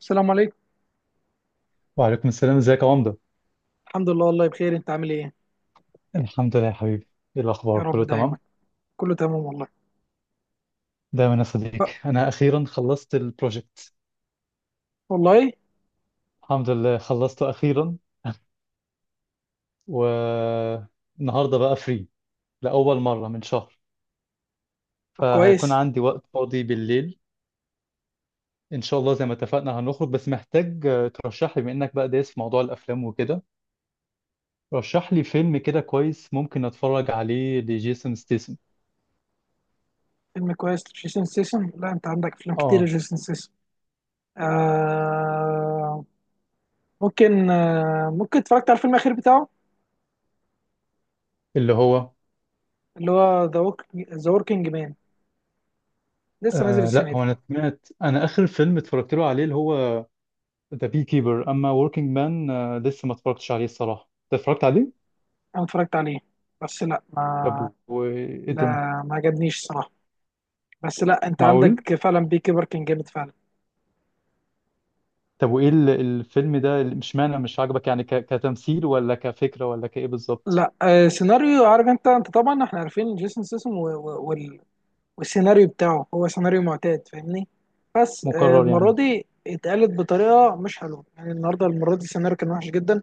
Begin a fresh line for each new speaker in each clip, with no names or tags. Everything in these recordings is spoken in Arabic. السلام عليكم.
وعليكم السلام، ازيك يا عمدة؟
الحمد لله، والله بخير. انت عامل ايه؟
الحمد لله يا حبيبي. ايه
يا
الاخبار؟
رب
كله
دايما.
تمام؟
كله تمام والله.
دايما يا صديقي،
بقى.
انا اخيرا خلصت البروجكت.
والله.
الحمد لله خلصته اخيرا. والنهارده بقى فري لاول مرة من شهر،
طب
فهيكون
كويس.
عندي وقت فاضي بالليل. ان شاء الله زي ما اتفقنا هنخرج، بس محتاج ترشح لي، بما انك بقى دايس في موضوع الافلام وكده، رشح لي فيلم كده كويس ممكن اتفرج عليه لجيسون ستيسن.
فيلم كويس، جيسون سيسن؟ لا، انت عندك افلام كتير يا
اه،
جيسون سيسن. آه. ممكن اتفرجت على الفيلم الاخير بتاعه؟
اللي هو...
اللي هو ذا ووك ذا وركينج مان، لسه نازل
لا،
السنه
هو
دي.
انا سمعت، انا اخر فيلم اتفرجت له عليه اللي هو ذا بي كيبر، اما وركينج مان لسه ما اتفرجتش عليه الصراحه. انت اتفرجت عليه؟
انا اتفرجت عليه. بس لا ما
طب وايه
لا،
الدنيا؟
ما عجبنيش الصراحه. بس لا، انت
معقول؟
عندك فعلا، بي كيبر كان جامد فعلا.
طب وايه الفيلم ده مش معنى، مش عاجبك يعني كتمثيل، ولا كفكره، ولا كايه بالظبط؟
لا. سيناريو. عارف انت طبعا احنا عارفين جيسون سيسن. والسيناريو بتاعه هو سيناريو معتاد، فاهمني. بس
مكرر
المرة
يعني؟
دي اتقالت بطريقة مش حلوة. يعني النهاردة، المرة دي، السيناريو كان وحش جدا.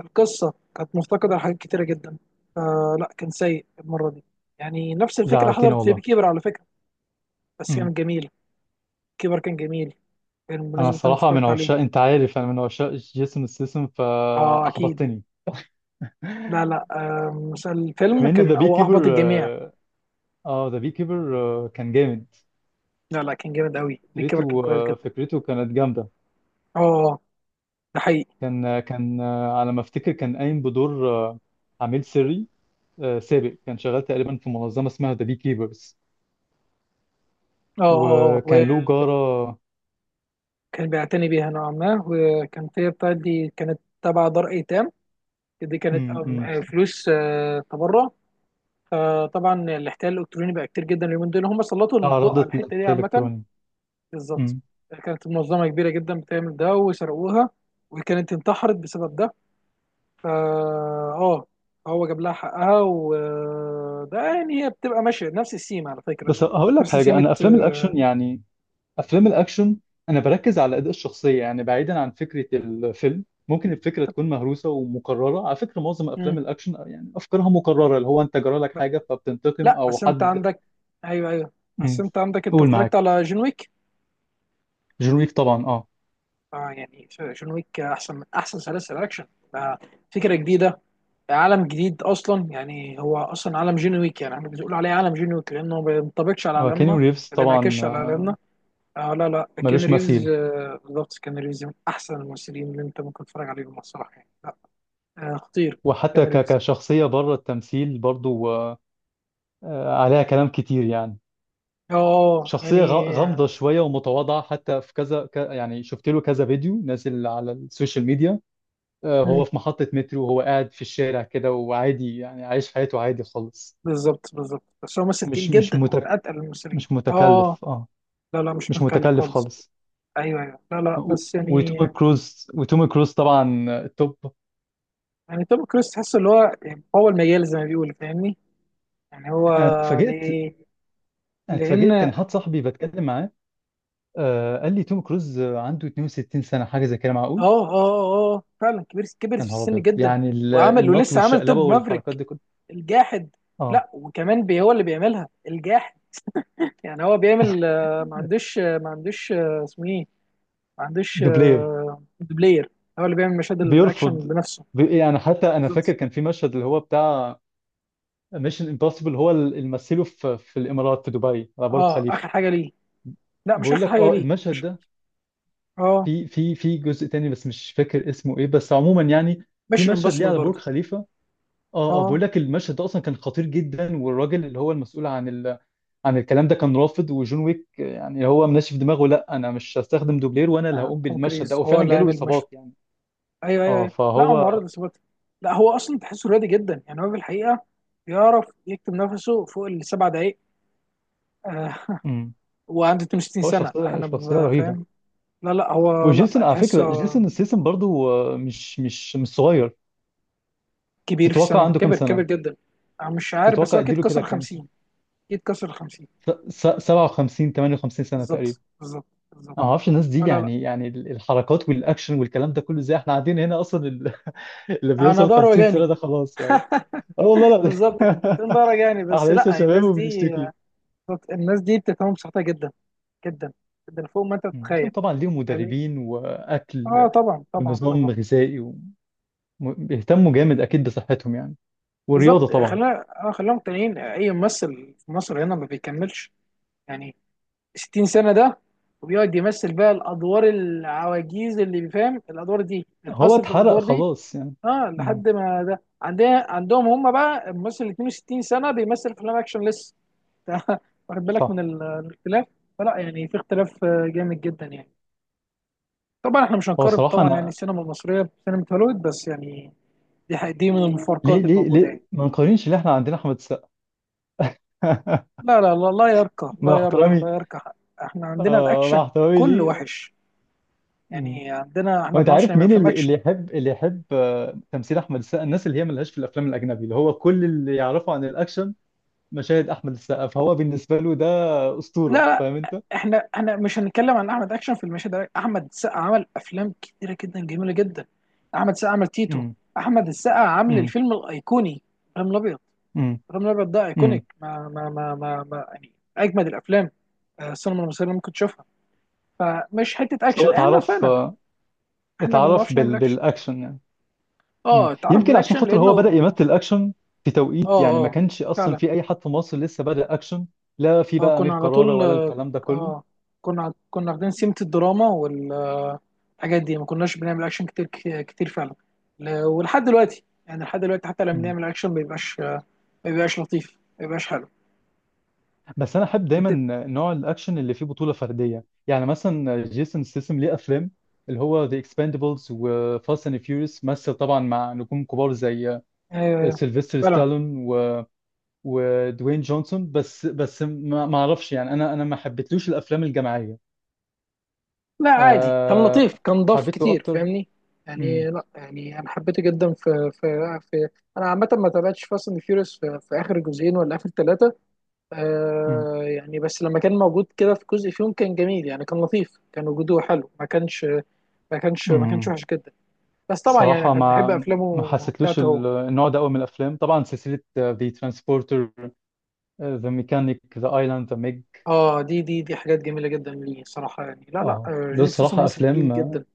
القصة كانت مفتقدة لحاجات كتيرة جدا. فلا، كان سيء المرة دي. يعني نفس الفكرة
زعلتني
حصلت في
والله.
بيكيبر، على فكرة. بس
امم
كانت جميلة. كيبر كان جميل. كان
انا
بالنسبة لي
الصراحه من
اتفرجت عليه.
عشاق، انت عارف انا من عشاق جيسون ستاثام،
اه اكيد.
فاحبطتني.
لا، لا، مثلا الفيلم
بما ان
كان،
ذا بي
او احبط
كيبر،
الجميع.
اه، ذا بي كيبر كان جامد.
لا، لا، كان جامد قوي. بيكيبر كان
فكرته،
كويس جدا.
فكرته كانت جامده.
اه. ده حقيقي.
كان على ما افتكر، كان قايم بدور عميل سري سابق، كان شغال تقريبا في منظمه اسمها ذا بي كيبرز.
اه، اه.
وكان له جاره.
كان بيعتني بيها نوعا ما، وكانت هي بتاعتي كانت تبع دار ايتام. دي كانت
مم، مم، صح.
فلوس تبرع. فطبعا الاحتيال الالكتروني بقى كتير جدا اليومين دول، هم سلطوا الضوء على
تعرضت
الحته دي
لقتال
عامه.
الكتروني.
بالظبط.
مم.
كانت منظمه كبيره جدا بتعمل ده، وسرقوها. وكانت انتحرت بسبب ده. فا اه هو جاب لها حقها، وده يعني هي بتبقى ماشيه نفس السيم على فكره.
بس هقول لك
نفس
حاجه،
سيمه
انا افلام الاكشن
آه،
يعني، افلام الاكشن انا بركز على اداء الشخصيه، يعني بعيدا عن فكره الفيلم ممكن الفكره
طب-
تكون مهروسه ومكرره. على فكره معظم
مم.
افلام الاكشن يعني افكارها مكرره، اللي هو انت جرى لك حاجه فبتنتقم
لا،
او
بس انت
حد.
عندك. ايوه، ايوه. بس
مم.
انت عندك، انت
قول
اتفرجت
معاك.
على جون ويك؟
جون ويك طبعا، اه،
اه، يعني جون ويك احسن من احسن سلاسل اكشن. آه، فكره جديده. عالم جديد اصلا، يعني هو اصلا عالم جون ويك، يعني احنا بنقول عليه عالم جون ويك لانه ما بينطبقش على عالمنا،
كينيو ريفز
ما
طبعا
بينعكسش على عالمنا. آه، لا، لا، كين
ملوش
ريفز،
مثيل.
بالظبط، كين ريفز من احسن الممثلين اللي انت ممكن تتفرج عليهم الصراحه، يعني لا. آه، خطير. كين
وحتى
ريفز.
كشخصية بره التمثيل برضو عليها كلام كتير يعني.
اه،
شخصية
يعني آه،
غامضة شوية، ومتواضعة حتى في كذا يعني شفت له كذا فيديو نازل على السوشيال ميديا.
مم،
هو في محطة مترو، وهو قاعد في الشارع كده، وعادي يعني عايش حياته عادي خالص.
بالظبط، بالظبط. بس هو ممثل تقيل
مش مش
جدا، هو من
متك
اتقل الممثلين.
مش
اه،
متكلف، اه،
لا، لا، مش
مش
متكلف
متكلف
خالص.
خالص.
ايوه، ايوه، لا، لا، بس يعني.
وتوم كروز طبعا، توب.
يعني توم كروز تحس اللي هو، يعني هو المجال زي ما بيقول، فاهمني. يعني هو.
انا اتفاجئت.
ليه؟
انا
لان
اتفاجئت، كان
اه.
حد صاحبي بتكلم معاه، آه قال لي توم كروز عنده 62 سنة، حاجة زي كده، معقول؟
اه، اه، فعلا، كبير، كبر
يا
في
نهار
السن
أبيض،
جدا.
يعني
وعمل
النط
ولسه عمل
والشقلبة
توب
والحركات
مافريك،
دي كلها.
الجاحد.
اه،
لا، وكمان هو اللي بيعملها، الجاحد. يعني هو بيعمل، ما عندوش آه، ما عندوش آه، اسمه ايه؟ ما عندوش
دوبلير.
دوبلير. هو اللي بيعمل مشاهد الاكشن
بيرفض.
بنفسه.
يعني حتى أنا فاكر
بالظبط.
كان في مشهد اللي هو بتاع ميشن امبوسيبل، هو اللي مثله في الإمارات، في دبي، على برج
اه،
خليفة.
اخر حاجه ليه. لا مش
بقول
اخر
لك
حاجه
اه،
ليه
المشهد
مش
ده
اه،
في جزء تاني، بس مش فاكر اسمه ايه، بس عموما يعني في
ميشن
مشهد ليه
امبوسيبل
على برج
برضه.
خليفة. اه اه،
اه،
بقول لك المشهد ده اصلا كان خطير جدا، والراجل اللي هو المسؤول عن ال... عن الكلام ده كان رافض، وجون ويك يعني هو منشف دماغه، لا انا مش هستخدم دوبلير، وانا اللي هقوم
توم
بالمشهد ده،
كريز هو
وفعلا
اللي
جاله
عامل ميشن.
اصابات يعني.
ايوه، ايوه،
اه
ايوه، لا، هو معرض
فهو...
للإصابات. لا، هو اصلا تحسه رياضي جدا، يعني هو في الحقيقه بيعرف يكتب نفسه فوق السبع دقايق. آه.
امم
وعنده 62
هو
سنه،
شخصيه
احنا
شخصيه رهيبه.
فاهم. لا، لا، هو،
وجيسون
لا
على
تحسه،
فكره، جيسون ستاثام برضو مش صغير.
كبير في
تتوقع
السن،
عنده كام
كبر كبر
سنه؟
جدا. انا مش عارف، بس
تتوقع
هو اكيد
اديله كده
كسر
كام سنه؟
50. اكيد كسر 50.
57 58 سنه تقريبا.
بالظبط، بالظبط، بالظبط.
أنا ما اعرفش الناس
آه،
دي
لا، لا.
يعني، يعني الحركات والاكشن والكلام ده كله ازاي؟ احنا قاعدين هنا اصلا اللي
انا
بيوصل
ضهري
50 سنه
وجعني.
ده خلاص يعني. اه والله.
بالظبط، انت
لا.
بتقول ضهري وجعني،
احنا
بس
لسه
لا،
شباب
الناس دي.
وبنشتكي.
الناس دي بتفهم صحتها جدا، جدا جدا فوق ما انت
لكن
تتخيل.
طبعا ليهم
فاهمني.
مدربين
اه،
واكل
طبعا، طبعا، طبعا.
ونظام غذائي، وبيهتموا جامد اكيد بصحتهم يعني. والرياضه
بالظبط،
طبعا.
خلينا مقتنعين، اي ممثل في مصر هنا ما بيكملش، يعني 60 سنه ده، وبيقعد يمثل بقى الادوار العواجيز، اللي بيفهم الادوار دي
هو
الحاصل في
اتحرق
الادوار دي.
خلاص يعني.
اه،
مم.
لحد ما ده عندنا. عندهم هم بقى الممثل 62 سنه بيمثل افلام اكشن لسه. ده، واخد بالك من
صح.
الاختلاف؟ فلا، يعني في اختلاف جامد جدا، يعني. طبعا احنا مش
هو
هنقارن
صراحه
طبعا يعني
انا...
السينما المصريه بسينما هوليوود، بس يعني دي حقيقة، دي من
ليه
المفارقات
ليه
الموجودة
ليه
يعني.
ما نقارنش؟ اللي احنا عندنا احمد السقا.
لا، لا، لا، لا يرقى، لا
مع
يرقى،
احترامي،
لا يرقى، حق. احنا عندنا
مع
الاكشن
احترامي
كله
ليه.
وحش.
مم.
يعني عندنا احنا
هو
ما
انت
بنعرفش
عارف
نعمل
مين
افلام
اللي
اكشن.
اللي يحب، اللي يحب تمثيل احمد السقا؟ الناس اللي هي ملهاش في الافلام الاجنبي، اللي هو كل اللي يعرفه عن الاكشن مشاهد احمد السقا، فهو بالنسبه له ده
لا،
اسطوره،
لا،
فاهم انت؟
احنا مش هنتكلم عن احمد اكشن في المشهد ده. احمد السقا عمل افلام كتيرة جدا، جميلة جدا. احمد السقا عمل تيتو.
امم
احمد السقا عامل
امم
الفيلم الايقوني، ابراهيم الابيض.
امم
ابراهيم الابيض ده ايكونيك،
امم
ما يعني اجمد الافلام، السينما المصرية اللي ممكن تشوفها. فمش حتة
بس هو
اكشن، احنا
اتعرف،
فعلا احنا ما
اتعرف
بنعرفش نعمل اكشن.
بالاكشن يعني.
اه، تعرف
يمكن عشان
بالاكشن
خاطر
لانه
هو بدأ
اه.
يمثل اكشن في توقيت يعني ما
اه،
كانش اصلا
فعلا.
في اي حد في مصر لسه بدأ اكشن. لا، في
اه،
بقى امير
كنا على
كرارة
طول
ولا
اه،
الكلام ده كله.
آه، كنا واخدين سمة الدراما والحاجات دي، ما كناش بنعمل اكشن كتير، كتير فعلا. ولحد دلوقتي، يعني لحد دلوقتي حتى لما بنعمل اكشن، ما بيبقاش، ما بيبقاش لطيف، ما بيبقاش حلو.
بس انا احب دايما
بت-.
نوع الاكشن اللي فيه بطوله فرديه. يعني مثلا جيسون ستاثام ليه افلام اللي هو ذا اكسباندبلز وفاست اند فيوريوس، مثل طبعا مع نجوم كبار زي
آه،
سيلفستر
فعلا.
ستالون و... ودوين جونسون، بس بس ما اعرفش يعني، انا ما حبيتلوش الافلام الجماعيه.
لا عادي، كان لطيف،
أه...
كان ضاف
حبيت له
كتير،
اكتر.
فاهمني.
امم
يعني لا، يعني انا حبيته جدا في. انا عامه ما تابعتش فاست اند فيوريوس في اخر جزئين ولا اخر ثلاثه.
امم
آه، يعني بس لما كان موجود كده في جزء فيهم كان جميل، يعني كان لطيف، كان وجوده حلو، ما كانش، ما كانش
امم
وحش جدا. بس طبعا يعني
صراحه
احنا بنحب
ما
افلامه
حسيتلوش
بتاعته هو.
النوع ده قوي من الافلام. طبعا سلسله ذا ترانسبورتر، ذا ميكانيك، ذا ايلاند، ذا ميج.
اه، دي حاجات جميله جدا ليه صراحه، يعني لا، لا،
اه، ده
جيسون سيسون
الصراحة
ممثل تقيل
أفلام.
جدا.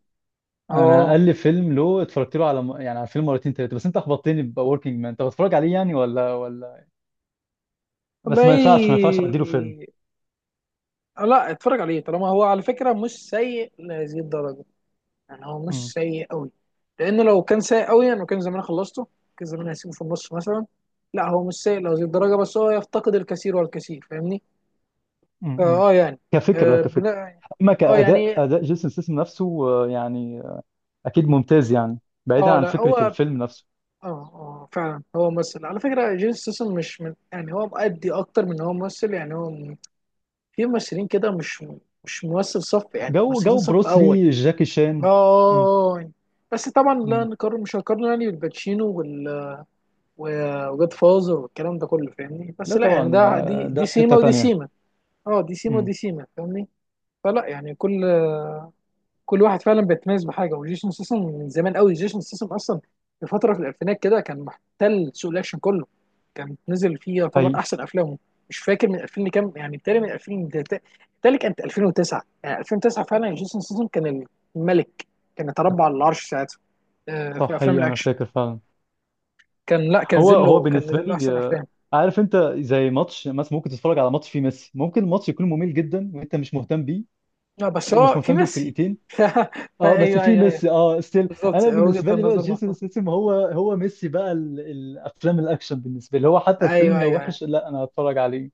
أنا
اه،
أقل فيلم له اتفرجت له على يعني على فيلم مرتين تلاتة، بس أنت أخبطتني بوركينج مان، أنت بتتفرج عليه يعني ولا ولا... بس ما
والله.
ينفعش، ما ينفعش أديله فيلم.
لا، اتفرج عليه طالما هو على فكره مش سيء لهذه الدرجه. يعني هو مش
امم
سيء قوي. لان لو كان سيء قوي، انا كان زمان خلصته، كان زمان هسيبه في النص مثلا. لا، هو مش سيء لهذه الدرجه، بس هو يفتقد الكثير والكثير، فاهمني.
امم
فاه يعني.
كفكرة،
اه،
كفكرة.
بناء.
أما
اه،
كأداء،
يعني.
أداء جيسون سيسم نفسه يعني أكيد ممتاز يعني، بعيدا
اه،
عن
لا هو
فكرة
اه.
الفيلم نفسه.
اه، فعلا هو ممثل، على فكره جيسون ستاثام مش من يعني هو مؤدي اكتر من هو ممثل، يعني هو في ممثلين كده، مش، مش ممثل صف، يعني
جو
ممثلين
جو
صف اول.
بروسلي، جاكي
اه،
شان. مم.
آه، آه. بس طبعا لا
مم.
نقارن، مش هنقارن يعني بالباتشينو وجود فازر والكلام ده كله، فاهمني. بس
لا
لا يعني
طبعا،
ده دي
ده
دي
في
سيما
حتة
ودي
تانية.
سيما. اه، دي سيما
مم.
ودي سيما، فاهمني. فلا، يعني كل، كل واحد فعلا بيتميز بحاجه، وجيسون سيسن من زمان قوي، جيسون سيسن اصلا في فتره في الالفينات كده كان محتل سوق الاكشن كله، كان نزل فيه يعتبر
حقيقي.
احسن افلامه. مش فاكر من 2000 لكام، يعني بالتالي من 2000 بالتالي كانت 2009، يعني 2009 فعلا جيسون سيسن كان الملك، كان يتربع على العرش ساعتها، في
صح،
افلام
حقيقي أنا
الاكشن.
فاكر فعلا.
كان لا، كان
هو
نزل
هو
له كان
بالنسبه
نزل له
لي
احسن افلام.
عارف انت زي ماتش مثلا، ممكن تتفرج على ماتش فيه ميسي، ممكن الماتش يكون ممل جدا وانت مش مهتم بيه
لا، بس
ومش
هو في
مهتم
ميسي.
بالفرقتين، اه، بس
ايوه،
فيه
ايوه، ايوه.
ميسي اه ستيل.
بالظبط،
انا بالنسبه
وجهة
لي بقى
النظر
جيسون
مفهوم.
ستاثام هو هو ميسي بقى، الافلام الاكشن بالنسبه لي، هو حتى
ايوه،
الفيلم لو
ايوه، ايوه،
وحش لا انا هتفرج عليه.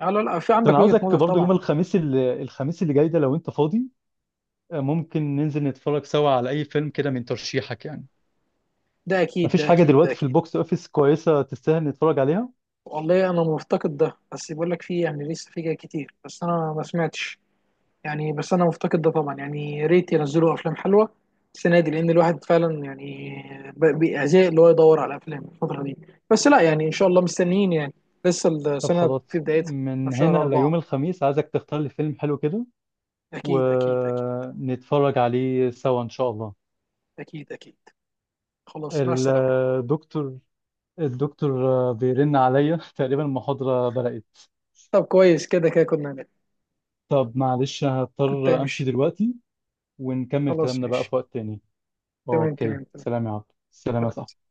لا، لا، لا، في
طب
عندك
انا
وجهة
عاوزك
نظر
برضو يوم
طبعا.
الخميس، الخميس اللي جاي ده، لو انت فاضي، ممكن ننزل نتفرج سوا على اي فيلم كده من ترشيحك يعني.
ده اكيد،
مفيش
ده
حاجه
اكيد، ده
دلوقتي في
اكيد.
البوكس اوفيس كويسه تستاهل نتفرج عليها؟
والله انا مفتقد ده، بس بقول لك في، يعني لسه في جاي كتير بس انا ما سمعتش، يعني. بس انا مفتقد ده طبعا، يعني يا ريت ينزلوا افلام حلوه السنه دي، لان الواحد فعلا يعني بيزهق اللي هو يدور على افلام الفتره دي. بس لا يعني ان شاء الله مستنيين، يعني لسه
طب
السنه في
خلاص،
بدايتها. احنا
من
في
هنا
شهر اربعه.
ليوم الخميس عايزك تختار لي فيلم حلو كده،
اكيد، اكيد، اكيد.
ونتفرج عليه سوا إن شاء الله.
اكيد، اكيد. خلاص، مع السلامة.
الدكتور الدكتور بيرن عليا، تقريبا المحاضرة بدأت.
طب كويس، كده كده كنا هناك.
طب معلش
كنت
هضطر أمشي
همشي.
دلوقتي، ونكمل
خلاص،
كلامنا بقى
ماشي.
في وقت تاني.
تمام،
أوكي،
تمام، تمام.
سلام يا عبد، سلام يا
سلام.
صاحبي.